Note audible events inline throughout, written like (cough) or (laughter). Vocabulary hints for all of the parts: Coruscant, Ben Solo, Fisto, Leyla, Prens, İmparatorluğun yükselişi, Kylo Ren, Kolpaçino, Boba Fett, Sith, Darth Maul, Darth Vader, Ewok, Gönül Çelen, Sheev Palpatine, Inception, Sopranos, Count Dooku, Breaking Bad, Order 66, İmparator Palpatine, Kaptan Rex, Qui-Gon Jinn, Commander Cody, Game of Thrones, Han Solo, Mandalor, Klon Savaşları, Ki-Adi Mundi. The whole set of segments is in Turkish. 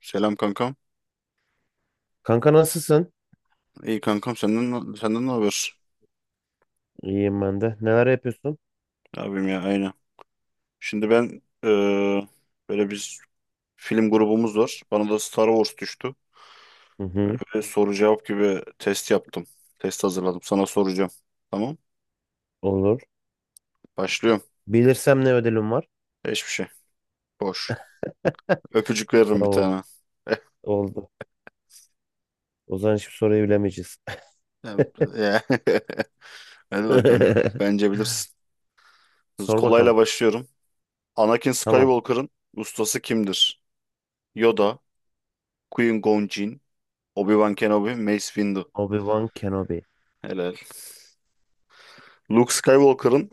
Selam kankam. Kanka nasılsın? İyi kankam senden ne haber? İyiyim ben de. Neler yapıyorsun? Abim ya. Aynen. Şimdi ben böyle biz film grubumuz var. Bana da Star Wars düştü. Hı Böyle hı, bir soru cevap gibi test yaptım. Test hazırladım. Sana soracağım. Tamam. olur. Başlıyorum. Bilirsem ne ödülüm var? Hiçbir şey. Boş. (laughs) Öpücük veririm bir Tamam, tane. (laughs) oldu. O zaman hiçbir soruyu bilemeyeceğiz. Ya- ya. (laughs) Hadi bakalım. (laughs) Bence bilirsin. Biz Sor kolayla bakalım. başlıyorum. Anakin Tamam. Skywalker'ın ustası kimdir? Yoda, Qui-Gon Jinn, Obi-Wan Kenobi, Mace Windu. Obi-Wan Kenobi. Helal. Luke Skywalker'ın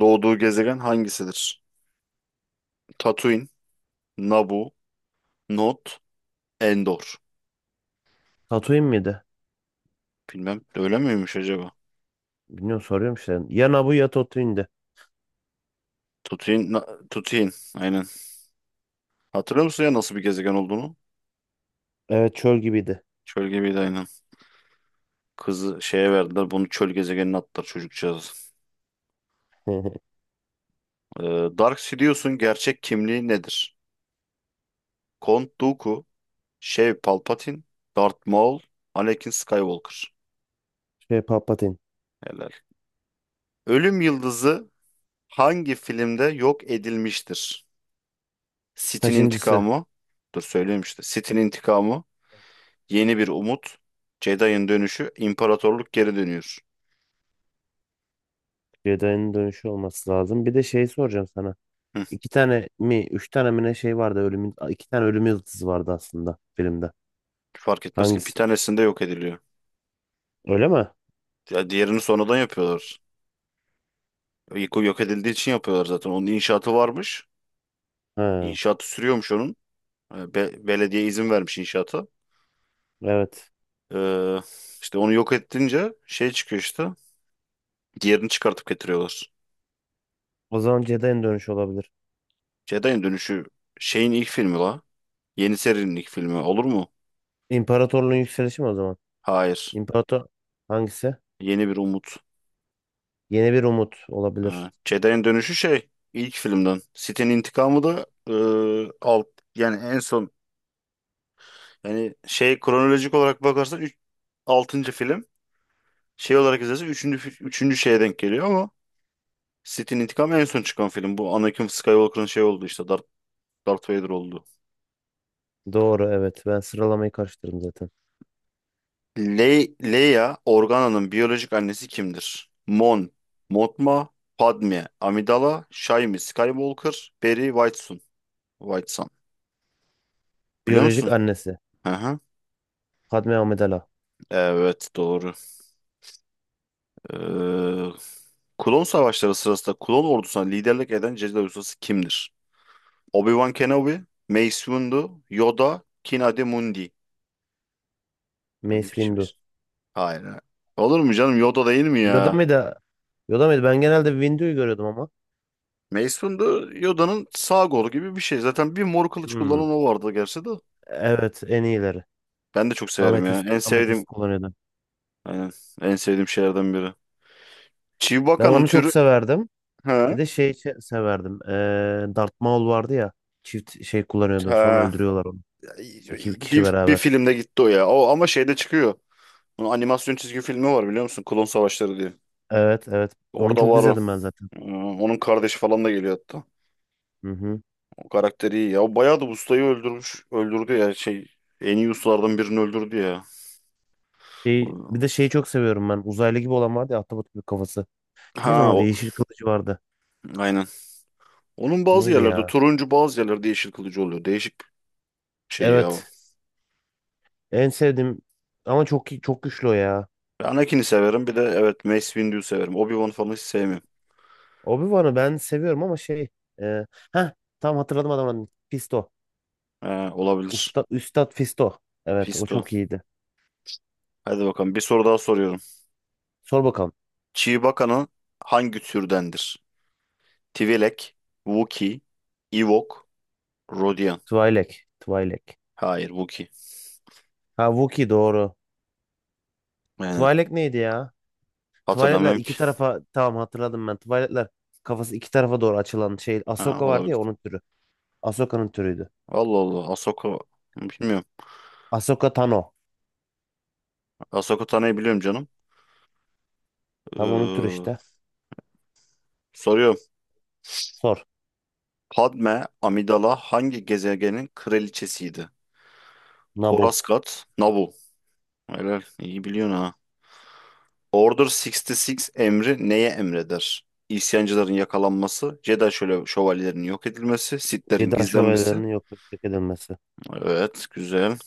doğduğu gezegen hangisidir? Tatooine, Naboo, Not, Endor. Tatooine miydi? Bilmem öyle miymiş acaba? Bilmiyorum, soruyorum işte. Ya Naboo ya Tatooine'di. Tatooine, Tatooine aynen. Hatırlıyor musun ya nasıl bir gezegen olduğunu? Evet, çöl gibiydi. Çöl gibiydi aynen. Kızı şeye verdiler bunu çöl gezegenine attılar çocukcağız. (laughs) Ee, Dark Sidious'un gerçek kimliği nedir? Count Dooku, Sheev Palpatine, Darth Maul, Anakin Skywalker. Şey Palpatine. Helal. Ölüm Yıldızı hangi filmde yok edilmiştir? Sith'in Kaçıncısı? intikamı. Dur söyleyeyim işte. Sith'in intikamı. Yeni bir umut. Jedi'ın dönüşü. İmparatorluk geri dönüyor. Jedi'nin dönüşü olması lazım. Bir de şey soracağım sana. Hı, İki tane mi, üç tane mi ne şey vardı ölümün, iki tane ölüm yıldızı vardı aslında filmde. fark etmez ki bir Hangisi? tanesinde yok ediliyor. Öyle mi? Ya diğerini sonradan yapıyorlar. İlk o yok edildiği için yapıyorlar zaten. Onun inşaatı varmış. Ha. İnşaatı sürüyormuş onun. E, belediye izin vermiş inşaata. Evet. Ee, işte onu yok ettince şey çıkıyor işte. Diğerini çıkartıp getiriyorlar. O zaman Jedi'nin dönüşü olabilir. Jedi'ın dönüşü şeyin ilk filmi la. Yeni serinin ilk filmi olur mu? İmparatorluğun yükselişi mi o zaman? Hayır. İmparator hangisi? Yeni bir umut. Yeni bir umut olabilir. Ha, Jedi'nin dönüşü şey ilk filmden. Sith'in intikamı da e, alt yani en son yani şey kronolojik olarak bakarsan 3 6. film şey olarak izlersen 3. üçüncü şeye denk geliyor ama Sith'in intikamı en son çıkan film. Bu Anakin Skywalker'ın şey oldu işte Darth, Darth Vader oldu. Doğru, evet. Ben sıralamayı karıştırdım zaten. Leia Organa'nın biyolojik annesi kimdir? Mon, Mothma, Padme, Amidala, Shaimi Skywalker, Beri Whitesun. Whitesun. Biliyor Biyolojik musun? annesi. Hı hı. Padme Amidala. Evet doğru. Ee, Klon Savaşları sırasında klon ordusuna liderlik eden Jedi ustası kimdir? Obi-Wan Kenobi, Mace Windu, Yoda, Ki-Adi Mundi. Bu ne Mace biçim Windu. isim? Hayır. Hayır. Olur mu canım Yoda değil mi Yoda ya? mıydı? Yoda mıydı? Ben genelde Windu'yu görüyordum ama. Mace Windu Yoda'nın sağ kolu gibi bir şey. Zaten bir mor kılıç Hmm. kullanan o vardı gerçi de. Evet, en iyileri. Ben de çok severim ya. Ametist, En ametist sevdiğim kullanıyordu. aynen, en sevdiğim şeylerden biri. Ben Chewbacca'nın onu çok türü severdim. Bir ha, de şey severdim. Darth Maul vardı ya. Çift şey kullanıyordu. Sonra ha. öldürüyorlar onu. İki kişi Bir beraber. filmde gitti o ya. O ama şeyde çıkıyor. Bunun animasyon çizgi filmi var biliyor musun? Klon Savaşları diye. Evet, evet. Onu Orada çok var o. izledim ben zaten. Ee, onun kardeşi falan da geliyor hatta. Hı hı. O karakteri iyi ya. O bayağı da ustayı öldürmüş. Öldürdü ya şey. En iyi ustalardan birini öldürdü ya. Şey, bir O- de şeyi çok seviyorum ben. Uzaylı gibi olan vardı ya, ahtapot gibi kafası. Neydi onun Ha o. adı? Yeşil kılıcı vardı. Aynen. Onun bazı Neydi yerlerde ya? turuncu bazı yerlerde yeşil kılıcı oluyor. Değişik şey ya o. Evet. En sevdiğim ama çok çok güçlü o ya. Ben Anakin'i severim. Bir de evet Mace Windu'yu severim. Obi-Wan falan hiç sevmiyorum. Obi-Wan'ı ben seviyorum ama şey e, heh, tam hatırladım adamın adını. Fisto. He, olabilir. Usta, Üstad Fisto. Evet, o Fisto. çok iyiydi. Hadi bakalım. Bir soru daha soruyorum. Sor bakalım. Chewbacca'nın hangi türdendir? Twi'lek, Wookiee, Ewok, Rodian. Twi'lek. Twi'lek. Hayır Wookiee. Ha Wookiee doğru. Aynen. Twi'lek neydi ya? Tuvaletler Hatırlamıyorum ki. iki tarafa, tamam hatırladım ben. Tuvaletler kafası iki tarafa doğru açılan şey. Ha, Ahsoka vardı olabilir. ya, onun türü. Ahsoka'nın türüydü. Allah Allah. Ahsoka. Bilmiyorum. Ahsoka Tano. Ahsoka Tano'yu biliyorum canım. Tam onun türü Ee, işte. soruyorum. Sor. Padme Amidala hangi gezegenin kraliçesiydi? Nabu. Coruscant, Naboo. Helal. İyi biliyorsun ha. Order 66 emri neye emreder? İsyancıların yakalanması, Jedi şöyle şövalyelerinin yok edilmesi, Sith'lerin Jedi gizlenmesi. şövalyelerinin yok edilmesi. Evet, güzel.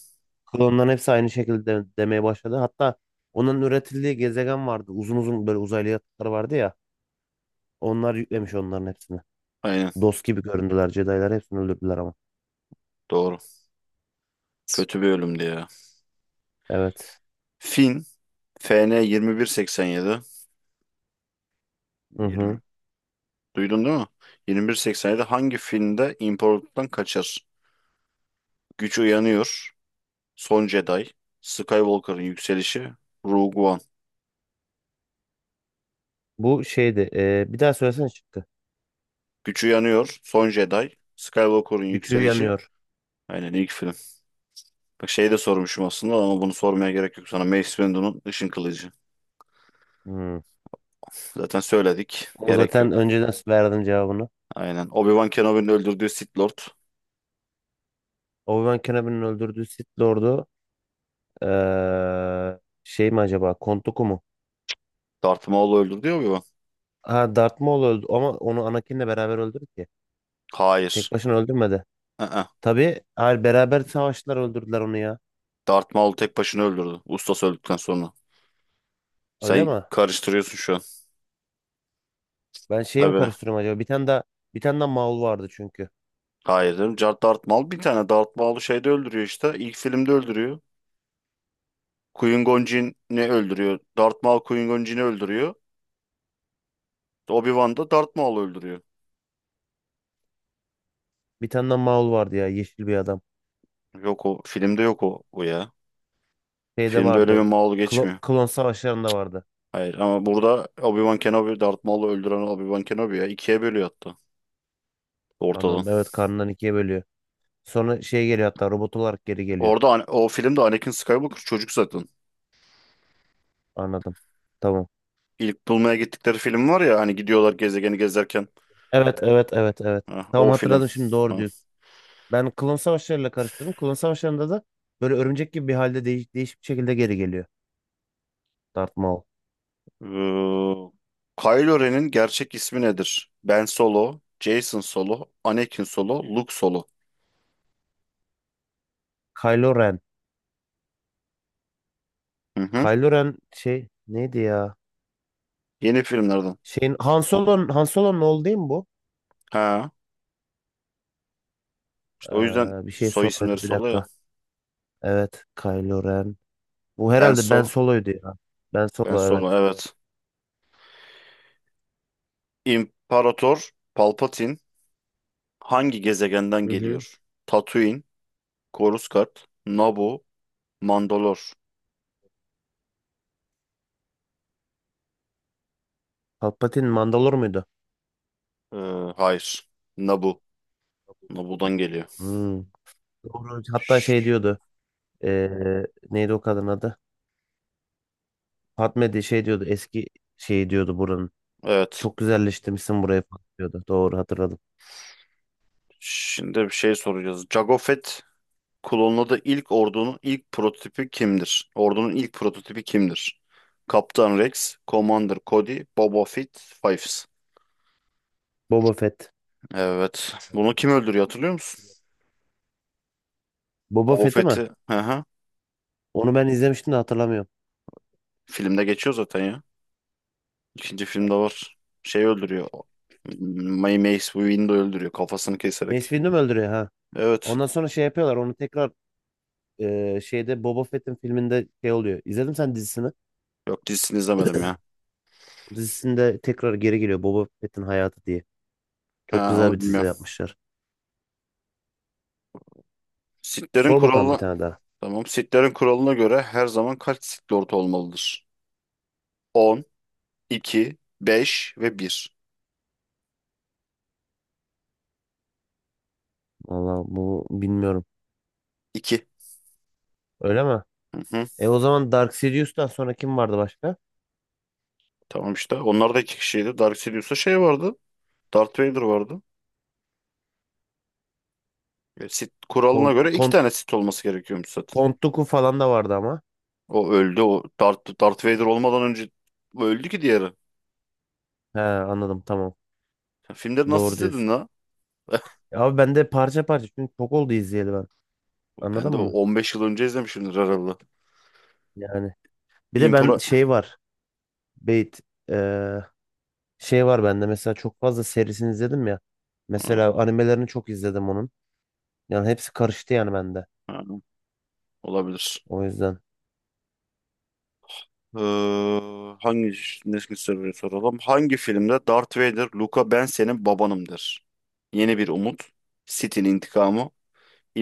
Klonların hepsi aynı şekilde demeye başladı. Hatta onların üretildiği gezegen vardı. Uzun uzun böyle uzaylı yatakları vardı ya. Onlar yüklemiş onların hepsini. Aynen, Dost gibi göründüler. Jedi'lar hepsini öldürdüler ama. doğru. Kötü bir ölümdü ya. Evet. Finn FN yedi. Hı Yirmi. hı. Duydun değil mi? 2187. Hangi filmde imparatorluktan kaçar? Güç Uyanıyor, Son Jedi, Skywalker'ın Yükselişi, Rogue One. Bu şeydi. Bir daha söylesene, çıktı. Güç Uyanıyor, Son Jedi, Skywalker'ın Gücü Yükselişi. yanıyor. Aynen ilk film. Bak şeyi de sormuşum aslında ama bunu sormaya gerek yok sana. Mace Windu'nun Işın Kılıcı. Hı. Zaten söyledik. Onu Gerek zaten yok. önceden verdim cevabını. Aynen. Obi-Wan Kenobi'nin öldürdüğü Sith Lord. Obi-Wan Kenobi'nin öldürdüğü Sith Lord'u şey mi acaba? Kontuku mu? Darth Maul'u öldürdü ya Obi-Wan. Ha, Darth Maul öldü ama onu Anakin'le beraber öldürdü ki. Tek Hayır. başına öldürmedi. Hı hı. Tabii hayır, beraber savaştılar, öldürdüler onu ya. Darth Maul tek başına öldürdü. Ustası öldükten sonra. Öyle Sen mi? karıştırıyorsun şu an. Ben şeyi mi Tabii. karıştırıyorum acaba? Bir tane daha Maul vardı çünkü. Hayır canım. Darth Maul bir tane Darth Maul'u şeyde öldürüyor işte. İlk filmde öldürüyor. Qui-Gon Jinn'i öldürüyor. Darth Maul Qui-Gon Jinn'i öldürüyor. Obi-Wan da Darth Maul'u öldürüyor. Bir tane daha Maul vardı ya, yeşil bir adam. Yok o. Filmde yok o, o ya. Şeyde Filmde öyle bir vardı. Maul geçmiyor. Klon savaşlarında vardı. Hayır ama burada Obi-Wan Kenobi Darth Maul'u öldüren Obi-Wan Kenobi ya. İkiye bölüyor hatta ortadan. Anladım. Evet, karnından ikiye bölüyor. Sonra şey geliyor, hatta robot olarak geri geliyor. Orada o filmde Anakin Skywalker çocuk zaten. Anladım. Tamam. İlk bulmaya gittikleri film var ya hani gidiyorlar gezegeni gezerken. Evet, evet, evet, evet. Ha, Tamam, o film. hatırladım şimdi, doğru Ha. diyorsun. Ben klon savaşlarıyla karıştırdım. Klon savaşlarında da böyle örümcek gibi bir halde değişik bir şekilde geri geliyor Darth Maul. Ee, Kylo Ren'in gerçek ismi nedir? Ben Solo, Jason Solo, Anakin Solo, Luke Solo. Kylo Ren. Hı hı. Kylo Ren şey neydi ya? Yeni filmlerden. Şeyin Han Solo'nun oğlu değil mi bu? Ha, işte o yüzden Bir şey soy isimleri soruyordu, bir Solo ya. dakika. Evet, Kylo Ren. Bu Ben herhalde Ben Solo. Solo'ydu ya. Ben Ben Solo evet. Solo evet. İmparator Palpatine hangi gezegenden Hı hı. geliyor? Tatooine, Coruscant, Naboo, Mandalor. Palpatine Mandalor muydu? Ee, hayır. Naboo. Naboo'dan geliyor. Hmm. Doğru. Hatta Şş, şey diyordu. ee, Neydi o kadın adı? Fatme de şey diyordu, eski şey diyordu buranın. evet. Çok güzelleştirmişsin burayı falan diyordu. Doğru, hatırladım. Şimdi bir şey soracağız. Jango Fett Klonladığı ilk ordunun ilk prototipi kimdir? Ordunun ilk prototipi kimdir? Kaptan Rex, Commander Cody, Boba Fett, Fives. Boba Fett. Evet. Bunu Evet. kim öldürüyor hatırlıyor musun? Boba Boba Fett'i mi? Fett'i. Hı hı. Onu ben izlemiştim de hatırlamıyorum. Filmde geçiyor zaten ya. İkinci filmde var. Şey öldürüyor. Mace Windu öldürüyor kafasını Mace keserek. Windu mu öldürüyor ha? Evet. Ondan sonra şey yapıyorlar onu tekrar, şeyde Boba Fett'in filminde şey oluyor. İzledin sen dizisini? Yok dizisini izlemedim ya. Dizisinde tekrar geri geliyor, Boba Fett'in hayatı diye. Çok Ha güzel onu bir dizi bilmiyorum. yapmışlar. Sith'lerin Sor bakalım bir kuralına. tane daha. Tamam. Sith'lerin kuralına göre her zaman kaç Sith Lord olmalıdır? 10, 2, 5 ve bir. Valla bu bilmiyorum. İki. Öyle mi? Hı hı. E o zaman Dark Sidious'tan sonra kim vardı başka? Tamam işte. Onlar da iki kişiydi. Dark Sidious'ta şey vardı. Darth Vader vardı. E, Sith kuralına Kont, göre iki Kont, tane Sith olması gerekiyormuş zaten. Count Dooku falan da vardı ama. O öldü. O Darth, Darth Vader olmadan önce o öldü ki diğeri. He, anladım, tamam. Sen filmleri nasıl Doğru izledin diyorsun. la? (laughs) Ya abi ben de parça parça, çünkü çok oldu izleyeli ben. Ben Anladın de o mı? 15 yıl önce izlemişimdir herhalde. Yani bir de ben İmpara... şey var. Beyt eee, şey var bende, mesela çok fazla serisini izledim ya. Ha, Mesela animelerini çok izledim onun. Yani hepsi karıştı yani bende. ha, olabilir. O yüzden Ee, hangi nesli soruyu soralım? Hangi filmde Darth Vader, Luka ben senin babanım der? Yeni bir umut. Sith'in intikamı.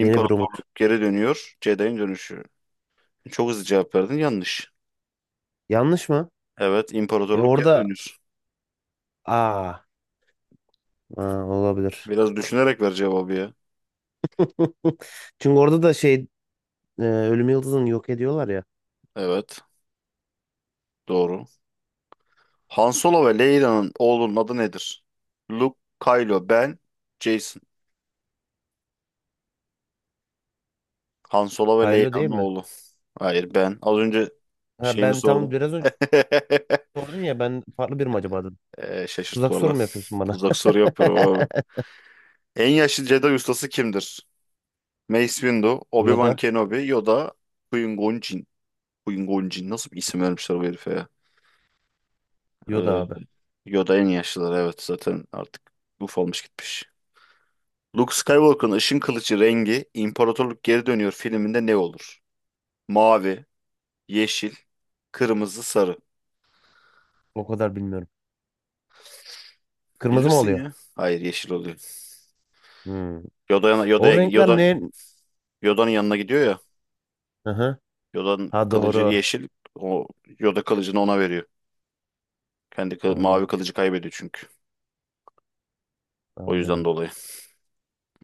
yeni bir umut. geri dönüyor. Jedi'in dönüşü. Çok hızlı cevap verdin. Yanlış. Yanlış mı? Evet, E imparatorluk geri orada dönüyor. aa, olabilir. Biraz düşünerek ver cevabı ya. (laughs) Çünkü orada da şey, Ölüm Yıldızı'nı yok ediyorlar ya. Evet, doğru. Han Solo ve Leyla'nın oğlunun adı nedir? Luke, Kylo, Ben, Jason. Han Solo ve Haylo Leyla'nın değil mi? oğlu. Hayır, Ben. Az önce Ha, şeyini ben tam sordum. biraz önce (laughs) sordun ya, ben farklı bir mi acaba. Şaşırt Tuzak valla. soru mu yapıyorsun bana? Tuzak soru yapıyorum abi. (laughs) En yaşlı Jedi ustası kimdir? Mace Windu, Obi-Wan Yoda. Kenobi, Yoda, Qui-Gon Jinn. Queen Gonjin nasıl bir isim vermişler bu herife ya? Yoda Ee, abi. Yoda en yaşlıları evet zaten artık ufalmış gitmiş. Luke Skywalker'ın ışın kılıcı rengi İmparatorluk Geri Dönüyor filminde ne olur? Mavi, yeşil, kırmızı, sarı. O kadar bilmiyorum. Kırmızı mı Bilirsin oluyor? ya. Hayır yeşil oluyor. Hmm. Yoda, O Yoda'ya renkler Yoda, ne? Yoda'nın yanına gidiyor ya. Aha. Yoda'nın Ha kılıcı doğru. yeşil. O Yoda kılıcını ona veriyor. Kendi mavi Anladım. kılıcı kaybediyor çünkü. O yüzden Anladım. dolayı.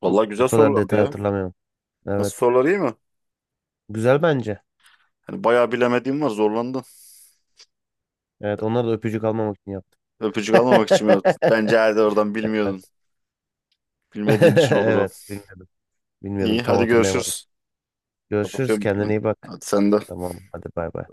Vallahi Bu güzel kadar sorulardı detay ya. hatırlamıyorum. Nasıl Evet. sorular iyi mi? Güzel bence. Hani bayağı bilemediğim var zorlandım. Evet, onlar da öpücük almamak için yaptı. Öpücük almamak (laughs) için mi yaptın? Bence herhalde oradan Evet. bilmiyordun. Bilmediğin (laughs) için olur o. Evet, bilmiyordum. Bilmiyordum, İyi tam hadi hatırlayamadım. görüşürüz. Görüşürüz, Kapatıyorum. kendine iyi bak. Hadi sen de. Tamam hadi, bay bay.